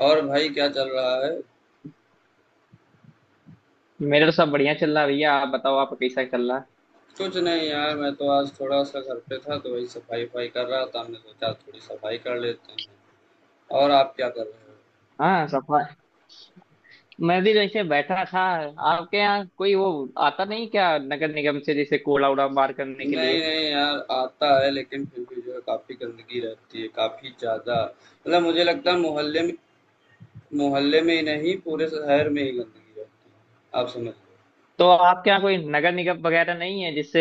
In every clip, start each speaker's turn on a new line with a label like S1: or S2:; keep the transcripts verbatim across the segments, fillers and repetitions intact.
S1: और भाई क्या चल रहा है?
S2: मेरा तो सब बढ़िया चल रहा है, भैया। आप बताओ, आपका कैसा चल रहा है?
S1: कुछ नहीं यार, मैं तो आज थोड़ा सा घर पे था, तो वही सफाई वफाई कर रहा था। हमने सोचा थोड़ी सफाई कर लेते हैं। और आप क्या कर रहे
S2: हाँ सफा मैं भी जैसे बैठा था। आपके यहाँ कोई वो आता नहीं क्या, नगर निगम से, जैसे कूड़ा उड़ा बाहर करने
S1: हो?
S2: के
S1: नहीं
S2: लिए?
S1: नहीं यार, आता है लेकिन फिर भी जो है काफी गंदगी रहती है, काफी ज्यादा। मतलब मुझे लगता है मोहल्ले में, मोहल्ले में ही नहीं पूरे शहर में ही गंदगी रहती है। आप समझ लो।
S2: तो आपके यहाँ कोई नगर निगम वगैरह नहीं है जिससे।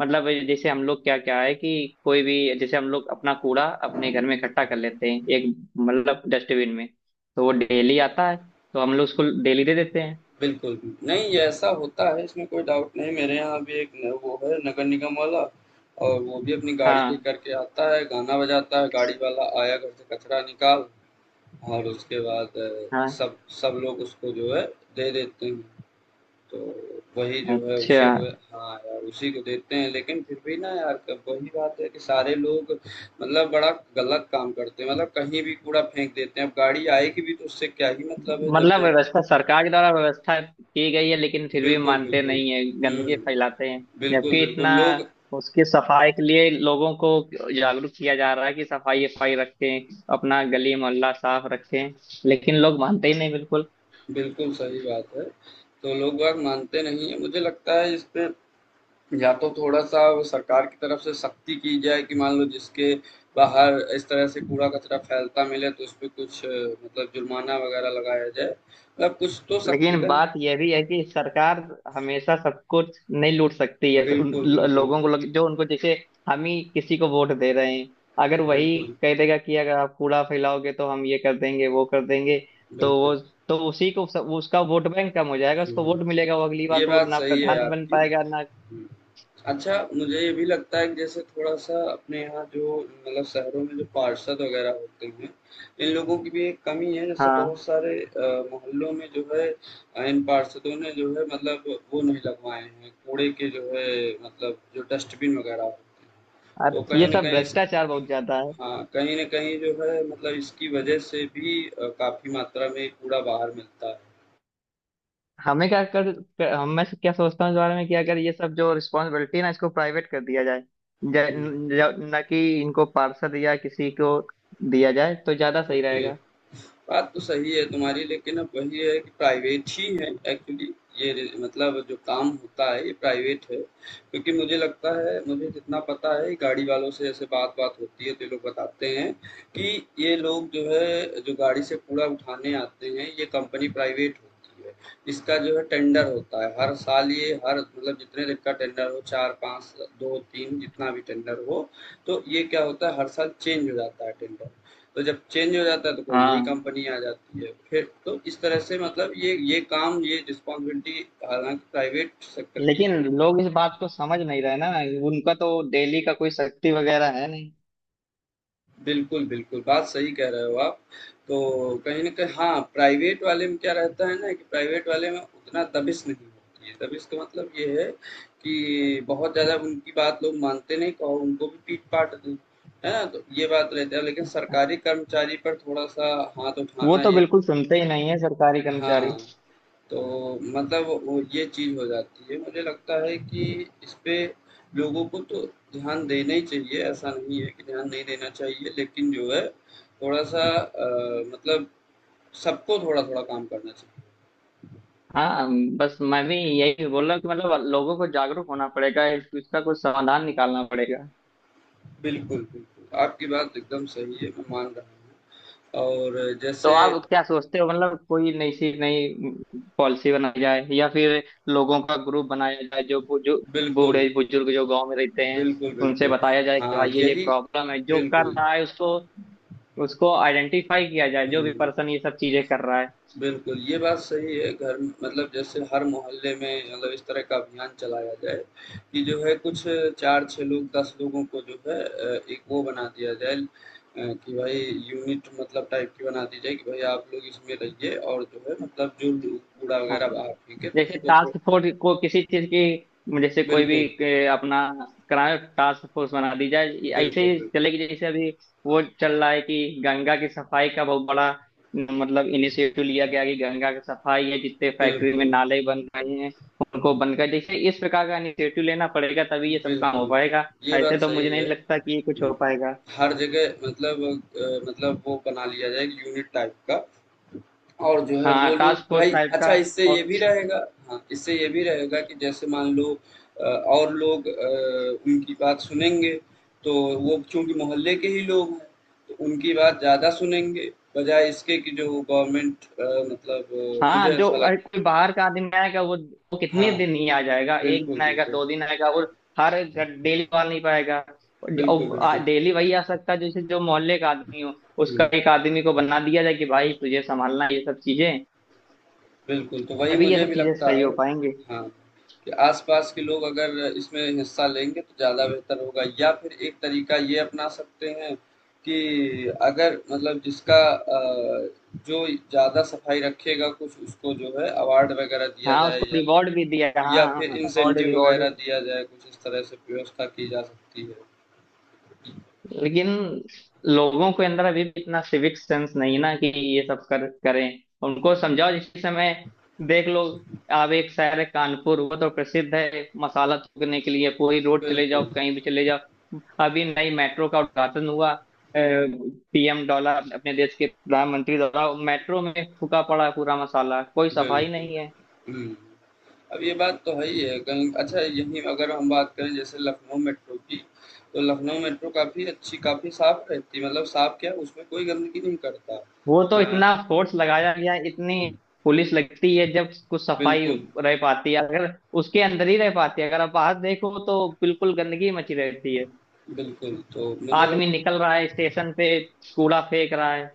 S2: मतलब जैसे हम लोग, क्या क्या है कि कोई भी, जैसे हम लोग अपना कूड़ा अपने घर में इकट्ठा कर लेते हैं, एक मतलब डस्टबिन में। तो वो डेली आता है, तो हम लोग उसको डेली दे देते हैं।
S1: बिल्कुल, नहीं ये ऐसा होता है, इसमें कोई डाउट नहीं। मेरे यहाँ भी एक न वो है, नगर निगम वाला। और वो भी अपनी गाड़ी
S2: हाँ,
S1: लेकर के आता है, गाना बजाता है, गाड़ी वाला आया घर से कचरा निकाल। और उसके बाद अ,
S2: हाँ।
S1: सब सब लोग उसको जो है दे देते हैं। तो वही जो है,
S2: अच्छा।
S1: उसी को। हाँ यार, उसी को देते हैं, लेकिन फिर भी ना यार, क वही बात है कि सारे लोग मतलब बड़ा गलत काम करते हैं, मतलब कहीं भी कूड़ा फेंक देते हैं। अब गाड़ी आएगी भी तो उससे क्या ही मतलब है जब
S2: मतलब
S1: लोग
S2: व्यवस्था, सरकार के द्वारा व्यवस्था की गई है, लेकिन फिर भी
S1: बिल्कुल,
S2: मानते
S1: बिल्कुल।
S2: नहीं है,
S1: हुँ।
S2: गंदगी फैलाते हैं।
S1: बिल्कुल,
S2: जबकि
S1: बिल्कुल।
S2: इतना
S1: लोग
S2: उसकी सफाई के लिए लोगों को जागरूक किया जा रहा है कि सफाई सफाई रखें, अपना गली मोहल्ला साफ रखें, लेकिन लोग मानते ही नहीं, बिल्कुल।
S1: बिल्कुल सही बात है। तो लोग बाग मानते नहीं हैं। मुझे लगता है इस पे या तो थोड़ा-सा वो सरकार की तरफ से सख्ती की जाए, कि मान लो जिसके बाहर इस तरह से कूड़ा-कचरा फैलता मिले तो उसपे कुछ अ, मतलब जुर्माना वग़ैरह लगाया जाए। मतलब कुछ तो सख्ती
S2: लेकिन
S1: का
S2: बात यह भी है कि सरकार हमेशा सब कुछ नहीं लूट सकती है, उन
S1: बिल्कुल,
S2: लो-
S1: बिल्कुल।
S2: लोगों को लग, जो उनको जैसे। हम ही किसी को वोट दे रहे हैं। अगर वही
S1: बिल्कुल,
S2: कह देगा कि अगर आप कूड़ा फैलाओगे तो हम ये कर देंगे, वो कर देंगे। तो
S1: बिल्कुल।
S2: वो, तो उसी को सब- उसका वोट बैंक कम हो जाएगा, उसको
S1: हुँ।
S2: वोट मिलेगा, वो अगली बार
S1: ये
S2: को
S1: बात
S2: ना
S1: सही है
S2: प्रधान बन
S1: आपकी।
S2: पाएगा ना।
S1: हुँ। अच्छा, मुझे ये भी लगता है कि जैसे थोड़ा-सा अपने यहाँ जो मतलब शहरों में जो पार्षद वगैरह होते हैं, इन लोगों की भी एक कमी है। जैसे
S2: हाँ।
S1: बहुत सारे अ, मोहल्लों में जो है अ, इन पार्षदों ने जो है मतलब वो नहीं लगवाए हैं, कूड़े के जो है मतलब जो डस्टबिन वगैरह होते हैं,
S2: और
S1: तो
S2: ये
S1: कहीं न
S2: सब
S1: कहीं इस
S2: भ्रष्टाचार बहुत ज्यादा है।
S1: हाँ, कहीं न कहीं जो है मतलब इसकी वजह से भी अ, काफ़ी मात्रा में कूड़ा बाहर मिलता है।
S2: हमें क्या कर, कर हम मैं क्या सोचता हूँ इस बारे में कि अगर ये सब जो रिस्पॉन्सिबिलिटी है ना, इसको प्राइवेट कर दिया जाए, ज-
S1: हुँ,
S2: न ज- न कि इनको पार्षद या किसी को दिया जाए तो ज्यादा सही
S1: ओके।
S2: रहेगा।
S1: बात तो सही है तुम्हारी, लेकिन अब वही है कि प्राइवेट ही है एक्चुअली। ये रि- मतलब जो काम होता है ये प्राइवेट है। क्योंकि मुझे लगता है, मुझे जितना पता है गाड़ी वालों से ऐसे बात बात होती है, तो ये लोग बताते हैं कि ये लोग जो है, जो गाड़ी से कूड़ा उठाने आते हैं, ये कंपनी प्राइवेट होती है। इसका जो है टेंडर होता है हर साल। ये हर मतलब जितने दिन का टेंडर हो, चार पाँच दो तीन जितना भी टेंडर हो, तो ये क्या होता है हर साल चेंज हो जाता है टेंडर। तो जब चेंज हो जाता है तो कोई नई
S2: हाँ।
S1: कंपनी आ जाती है। फिर तो इस तरह से मतलब ये ये काम, ये रिस्पॉन्सिबिलिटी हालांकि प्राइवेट सेक्टर की
S2: लेकिन
S1: है।
S2: लोग इस बात को समझ नहीं रहे ना। उनका तो डेली का कोई शक्ति वगैरह है नहीं।
S1: बिल्कुल बिल्कुल, बात सही कह रहे हो आप। तो कहीं ना कहीं हाँ प्राइवेट वाले में क्या रहता है ना, कि प्राइवेट वाले में उतना दबिश नहीं होती है। दबिश का मतलब ये है कि बहुत ज़्यादा उनकी बात लोग मानते नहीं, कहो उनको भी पीट पाट दें, है ना। तो ये बात रहती है, लेकिन सरकारी कर्मचारी पर थोड़ा सा हाथ
S2: वो
S1: उठाना
S2: तो
S1: ये
S2: बिल्कुल सुनते ही नहीं है सरकारी कर्मचारी।
S1: हाँ। तो मतलब वो ये चीज़ हो जाती है। मुझे लगता है कि इसपे लोगों को तो ध्यान देना ही चाहिए, ऐसा नहीं है कि ध्यान नहीं देना चाहिए, लेकिन जो है थोड़ा-सा अ, मतलब सबको थोड़ा-थोड़ा काम करना चाहिए।
S2: हाँ, बस मैं भी यही बोल रहा हूँ कि मतलब लोगों को जागरूक होना पड़ेगा, इस- इसका कुछ समाधान निकालना पड़ेगा।
S1: बिल्कुल, बिल्कुल, आपकी बात एकदम सही है, मैं मान रहा हूँ। और
S2: तो
S1: जैसे
S2: आप क्या सोचते हो, मतलब कोई नई सी, नई पॉलिसी बनाई जाए, या फिर लोगों का ग्रुप बनाया जाए, जो जो
S1: बिल्कुल,
S2: बूढ़े बुजुर्ग जो गांव में रहते हैं,
S1: बिल्कुल,
S2: उनसे
S1: बिल्कुल।
S2: बताया जाए कि
S1: हाँ,
S2: भाई ये ये
S1: यही
S2: प्रॉब्लम है, जो कर
S1: बिल्कुल।
S2: रहा है उसको, उसको आइडेंटिफाई किया जाए, जो भी
S1: हुँ।
S2: पर्सन ये सब चीजें कर रहा है।
S1: बिल्कुल, ये बात सही है। घर मतलब जैसे हर मोहल्ले में मतलब इस तरह का अभियान चलाया जाए कि जो है कुछ चार से छह लोग, दस लोगों को जो है अ, एक वो बना दिया जाए, अ, कि भाई यूनिट मतलब टाइप की बना दी जाए, कि भाई आप लोग इसमें रहिए और जो है मतलब जो लोग कूड़ा
S2: हाँ,
S1: वगैरह बाहर फेंके
S2: जैसे
S1: उनको थोड़ा
S2: टास्क फोर्स को किसी चीज की, जैसे कोई भी
S1: बिल्कुल,
S2: के अपना कराए, टास्क फोर्स बना दी जाए, ये ऐसे
S1: बिल्कुल,
S2: ही
S1: बिल्कुल,
S2: चलेगी, जैसे अभी वो चल रहा है कि गंगा की सफाई का बहुत बड़ा न, मतलब इनिशिएटिव लिया गया कि गंगा की सफाई है, जितने फैक्ट्री में
S1: बिल्कुल,
S2: नाले बन रहे हैं उनको बंद कर, जैसे इस प्रकार का इनिशिएटिव लेना पड़ेगा तभी ये सब काम हो
S1: बिल्कुल।
S2: पाएगा।
S1: ये
S2: ऐसे
S1: बात
S2: तो
S1: सही
S2: मुझे
S1: है।
S2: नहीं लगता कि ये कुछ हो
S1: हुँ।
S2: पाएगा।
S1: हर जगह मतलब अ, मतलब वो बना लिया जाए यूनिट टाइप का। और जो है
S2: हाँ,
S1: वो लोग
S2: टास्क फोर्स
S1: भाई
S2: टाइप का,
S1: अच्छा इससे ये
S2: और।
S1: भी रहेगा। हाँ, इससे ये भी रहेगा कि जैसे मान लो अ, और लोग अ, उनकी बात सुनेंगे। तो वो चूंकि मोहल्ले के ही लोग हैं, तो उनकी बात ज़्यादा सुनेंगे बजाय इसके कि जो गवर्नमेंट मतलब अ, मतलब, मुझे
S2: हाँ, जो
S1: ऐसा
S2: अरे,
S1: लगता
S2: कोई बाहर का आदमी आएगा वो वो कितने
S1: हाँ
S2: दिन ही आ जाएगा, एक
S1: बिल्कुल
S2: दिन आएगा,
S1: बिल्कुल
S2: दो दिन आएगा, और। हर डेली आ नहीं पाएगा।
S1: बिल्कुल बिल्कुल
S2: डेली वही आ सकता है, जैसे जो मोहल्ले का आदमी हो, उसका
S1: हम्म।
S2: एक आदमी को बना दिया जाए कि भाई तुझे संभालना है ये सब चीजें।
S1: बिल्कुल, तो वही
S2: तभी ये
S1: मुझे
S2: सब
S1: भी
S2: चीजें
S1: लगता
S2: सही हो
S1: है
S2: पाएंगे।
S1: हाँ, कि आस-पास के लोग अगर इसमें हिस्सा लेंगे तो ज़्यादा बेहतर होगा। या फिर एक तरीका ये अपना सकते हैं कि अगर मतलब जिसका अ, जो ज़्यादा सफाई रखेगा कुछ उसको जो है अवार्ड वगैरह दिया
S2: हाँ,
S1: जाए,
S2: उसको
S1: या
S2: रिवॉर्ड भी दिया,
S1: या
S2: हाँ।
S1: फिर
S2: रिवॉर्ड,
S1: इंसेंटिव
S2: रिवॉर्ड।
S1: वगैरह दिया जाए, कुछ इस तरह से व्यवस्था की जा सकती है।
S2: लेकिन लोगों के अंदर अभी भी इतना सिविक सेंस नहीं ना कि ये सब कर करें, उनको समझाओ जिस समय। देख लो, आप, एक शहर है कानपुर, वो तो प्रसिद्ध है मसाला थूकने के लिए, पूरी रोड चले जाओ,
S1: बिल्कुल,
S2: कहीं भी चले जाओ। अभी नई मेट्रो का उद्घाटन हुआ। पी एम डॉलर, अपने देश के प्रधानमंत्री द्वारा, मेट्रो में थूका पड़ा है पूरा मसाला, कोई सफाई
S1: बिल्कुल।
S2: नहीं है।
S1: हुँ। अब ये बात तो है ही है कहीं। अच्छा यहीं अगर हम बात करें जैसे लखनऊ मेट्रो की, तो लखनऊ मेट्रो काफ़ी अच्छी, काफ़ी साफ़ रहती है। मतलब साफ़ क्या, उसमें कोई गंदगी नहीं करता।
S2: वो तो
S1: हाँ,
S2: इतना फोर्स लगाया गया, इतनी पुलिस लगती है, जब कुछ सफाई
S1: बिल्कुल
S2: रह पाती है, अगर उसके अंदर ही रह पाती है, अगर आप बाहर देखो तो बिल्कुल गंदगी मची रहती है।
S1: बिल्कुल, तो मुझे लग
S2: आदमी निकल रहा है स्टेशन पे, कूड़ा फेंक रहा है,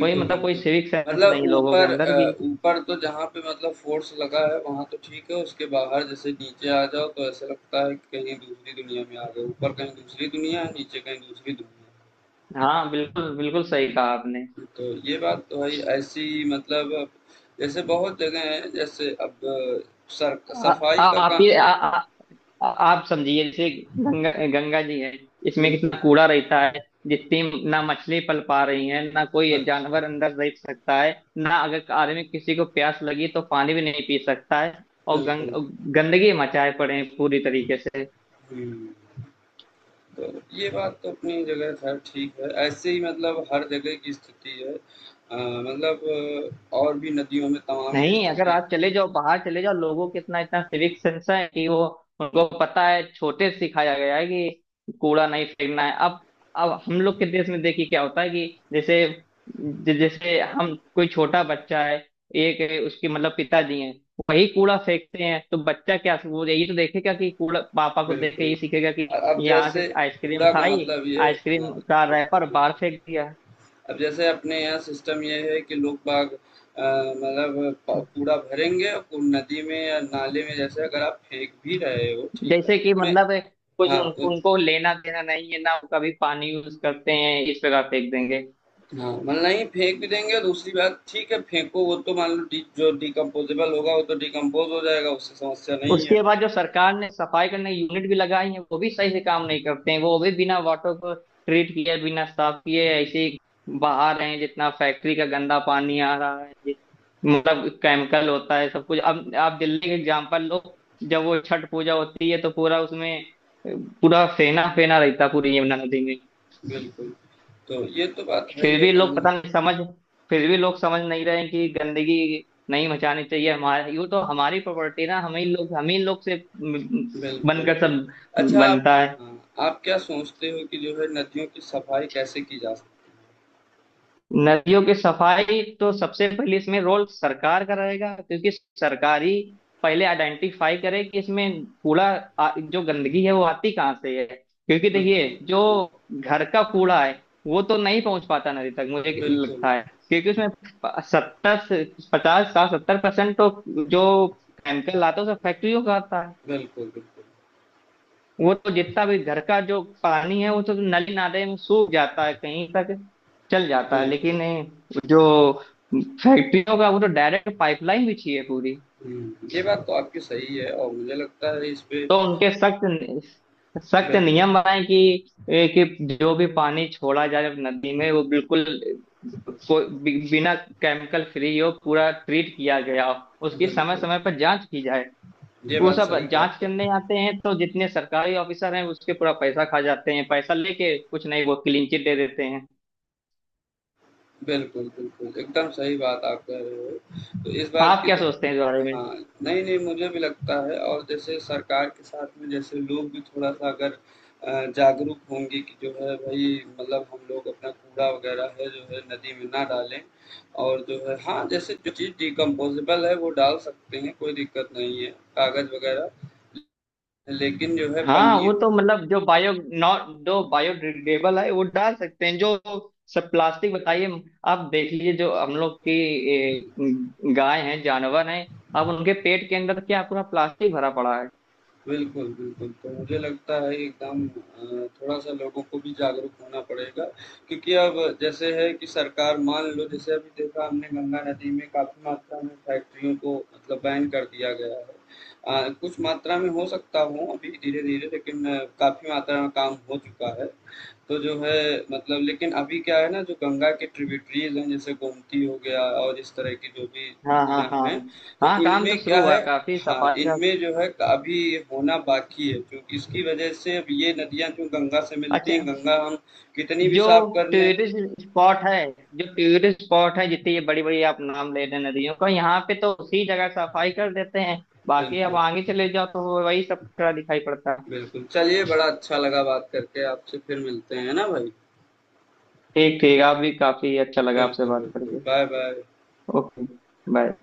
S2: कोई मतलब कोई
S1: बिल्कुल।
S2: सिविक सेंस
S1: मतलब
S2: नहीं लोगों के
S1: ऊपर
S2: अंदर
S1: अ,
S2: की।
S1: ऊपर तो जहाँ पे मतलब फोर्स लगा है वहाँ तो ठीक है, उसके बाहर जैसे नीचे आ जाओ, तो ऐसा लगता है कि कहीं दूसरी दुनिया में आ गए। ऊपर कहीं दूसरी दुनिया है, नीचे कहीं दूसरी दुनिया है।
S2: हाँ, बिल्कुल बिल्कुल सही कहा आपने।
S1: तो ये बात तो है ही, ऐसी मतलब अब जैसे बहुत जगह हैं, जैसे अब अ, सर
S2: आ,
S1: सफाई
S2: आ,
S1: का
S2: आप
S1: काम
S2: ये आ, आ, आ- आप समझिए, जैसे गंगा गंगा जी है, इसमें कितना
S1: बिल्कुल
S2: कूड़ा रहता है, जितनी, ना मछली पल पा रही है, ना कोई
S1: ब-
S2: जानवर अंदर रह सकता है, ना अगर आदमी, किसी को प्यास लगी तो पानी भी नहीं पी सकता है, और गंग
S1: बिल्कुल
S2: गंदगी मचाए पड़े हैं पूरी तरीके से।
S1: हम्म। तो ये बात तो अपनी जगह खैर ठीक है, ऐसे ही मतलब हर जगह की स्थिति है अ, मतलब अ, और भी नदियों में तमाम ये
S2: नहीं, अगर
S1: स्थिति
S2: आप चले जाओ, बाहर चले जाओ, लोगों के इतना इतना सिविक सेंस है कि वो, उनको पता है, छोटे से सिखाया गया है कि कूड़ा नहीं फेंकना है। अब अब हम लोग के देश में देखिए क्या होता है कि, जैसे ज- जैसे हम, कोई छोटा बच्चा है, एक उसके मतलब पिताजी हैं, वही कूड़ा फेंकते हैं, तो बच्चा क्या, वो यही तो देखेगा कि कूड़ा, पापा को देख के
S1: बिल्कुल
S2: ये सीखेगा कि
S1: अ- अब
S2: यहाँ से
S1: जैसे
S2: आइसक्रीम
S1: कूड़ा का
S2: खाई,
S1: मतलब ये
S2: आइसक्रीम
S1: हाँ
S2: का
S1: बिल्कुल
S2: रैपर बाहर
S1: बिल्कुल।
S2: फेंक दिया।
S1: अब जैसे अपने यहाँ सिस्टम ये है कि लोग बाग अ, मतलब प कूड़ा भरेंगे और कू नदी में या नाले में जैसे अगर आप फेंक भी रहे हो, ठीक है,
S2: जैसे
S1: तो
S2: कि
S1: उसमें
S2: मतलब कुछ,
S1: हाँ,
S2: उन,
S1: उ
S2: उनको लेना देना नहीं है ना, वो कभी पानी यूज करते हैं, इस जगह फेंक देंगे।
S1: हाँ, मतलब नहीं फेंक भी देंगे, दूसरी बात ठीक है फेंको, वो तो मान लो डी जो डिकम्पोज़ेबल होगा वो तो डिकम्पोज़ हो जाएगा, उससे समस्या नहीं है।
S2: उसके बाद जो सरकार ने सफाई करने यूनिट भी लगाई है, वो भी सही से काम नहीं करते हैं, वो भी बिना वाटर को ट्रीट किए, बिना साफ किए ऐसे ही बहा रहे हैं, जितना फैक्ट्री का गंदा पानी आ रहा है, जि- मतलब केमिकल होता है सब कुछ। अब आप दिल्ली का एग्जाम्पल लो, जब वो छठ पूजा होती है, तो पूरा उसमें अ, पूरा फेना फेना रहता है, पूरी यमुना नदी में।
S1: बिल्कुल, तो ये तो बात है ही
S2: फिर
S1: है
S2: भी लोग
S1: कहीं
S2: पता नहीं समझ फिर भी लोग समझ नहीं रहे हैं कि गंदगी नहीं मचानी चाहिए, हमारे यूँ तो हमारी प्रॉपर्टी ना, हम ही लोग, हम ही लोग से
S1: बिल्कुल,
S2: बनकर
S1: बिल्कुल।
S2: सब
S1: अच्छा आप
S2: बनता है।
S1: हाँ, आप क्या सोचते हो कि जो है नदियों की सफाई कैसे की जा सकती
S2: नदियों की सफाई तो सबसे पहले इसमें रोल सरकार का रहेगा, क्योंकि सरकार ही पहले आइडेंटिफाई करे कि इसमें कूड़ा, आ- जो गंदगी है वो आती कहाँ से है, क्योंकि
S1: है?
S2: देखिए,
S1: बिल्कुल,
S2: जो
S1: बिल्कुल।
S2: घर का कूड़ा है वो तो नहीं पहुंच पाता नदी तक मुझे
S1: बिल्कुल,
S2: लगता है, क्योंकि उसमें सत्तर पचास साठ सत्तर परसेंट तो जो केमिकल आता है उसे फैक्ट्रियों का आता है।
S1: बिल्कुल, बिल्कुल।
S2: वो तो जितना भी घर का जो पानी है, वो तो नली नाले में सूख जाता है, कहीं तक चल जाता है,
S1: बिल्कुल।
S2: लेकिन जो फैक्ट्रियों का, वो तो डायरेक्ट पाइपलाइन बिछी है पूरी।
S1: हुँ। ये बात तो आपकी सही है, और मुझे लगता है इस पे
S2: तो उनके सख्त सख्त
S1: बिल्कुल,
S2: नियम बनाए कि ए, कि जो भी पानी छोड़ा जाए नदी में, वो बिल्कुल, कोई बि- बिना केमिकल फ्री हो, पूरा ट्रीट किया गया हो, उसकी समय
S1: बिल्कुल।
S2: समय पर जांच की जाए।
S1: ये
S2: वो
S1: बात
S2: सब
S1: सही कहा
S2: जांच
S1: आपका।
S2: करने आते हैं, तो जितने सरकारी ऑफिसर हैं उसके पूरा पैसा खा जाते हैं, पैसा लेके कुछ नहीं, वो क्लीन चिट दे देते हैं।
S1: बिल्कुल, बिल्कुल, एकदम सही बात आप कह रहे हो। तो इस बात
S2: आप
S1: की
S2: क्या
S1: तो
S2: सोचते हैं इस बारे में?
S1: हाँ, नहीं-नहीं मुझे भी लगता है, और जैसे सरकार के साथ में जैसे लोग भी थोड़ा-सा अगर अ, जागरूक होंगे कि जो है भई मतलब हम लोग अपना कूड़ा वगैरह है जो है नदी में ना डालें। और जो है हाँ, जैसे जो चीज़ डिकम्पोज़ेबल है वो डाल सकते हैं, कोई दिक्कत नहीं है। कागज़ वगैरह, लेकिन जो है
S2: हाँ,
S1: पन्नी
S2: वो तो मतलब जो बायो नॉट, जो बायोडिग्रेडेबल है वो डाल सकते हैं, जो सब प्लास्टिक बताइए। आप देख लीजिए, जो हम लोग की ए, गाय हैं, जानवर हैं, अब उनके पेट के अंदर क्या पूरा प्लास्टिक भरा पड़ा है।
S1: बिल्कुल, बिल्कुल। तो मुझे लगता है एकदम अ, थोड़ा-सा लोगों को भी जागरूक होना पड़ेगा, क्योंकि अब जैसे है कि सरकार मान लो, जैसे अभी देखा हमने गंगा नदी में काफ़ी मात्रा में फैक्ट्रियों को मतलब बैन कर दिया गया है। अ, कुछ मात्रा में हो सकता हो अभी धीरे-धीरे, लेकिन काफ़ी मात्रा में काम हो चुका है। तो जो है मतलब लेकिन अभी क्या है ना, जो गंगा के ट्रिब्यूटरीज हैं जैसे गोमती हो गया और इस तरह की जो भी
S2: हाँ, हाँ,
S1: नदियां
S2: हाँ।
S1: हैं, तो
S2: हाँ, काम तो
S1: इनमें
S2: शुरू
S1: क्या
S2: हुआ
S1: है।
S2: है काफी
S1: हाँ
S2: सफाई का।
S1: इनमें जो है अभी ये होना बाकी है, क्योंकि इसकी वजह से अब ये नदियां जो गंगा से मिलती
S2: अच्छा,
S1: हैं, गंगा हम कितनी भी
S2: जो
S1: साफ कर लें।
S2: टूरिस्ट स्पॉट है जो टूरिस्ट स्पॉट है जितनी ये बड़ी बड़ी आप नाम ले रहे हैं नदियों का, यहाँ पे तो उसी जगह सफाई कर देते हैं, बाकी आप
S1: बिल्कुल
S2: आगे चले जाओ तो वही सब खड़ा दिखाई पड़ता है।
S1: बिल्कुल, चलिए बड़ा अच्छा लगा बात करके आपसे, फिर मिलते हैं ना भाई।
S2: ठीक, ठीक। आप भी, काफी अच्छा लगा आपसे
S1: बिल्कुल
S2: बात
S1: बिल्कुल,
S2: करके।
S1: Bye bye.
S2: ओके। बाय।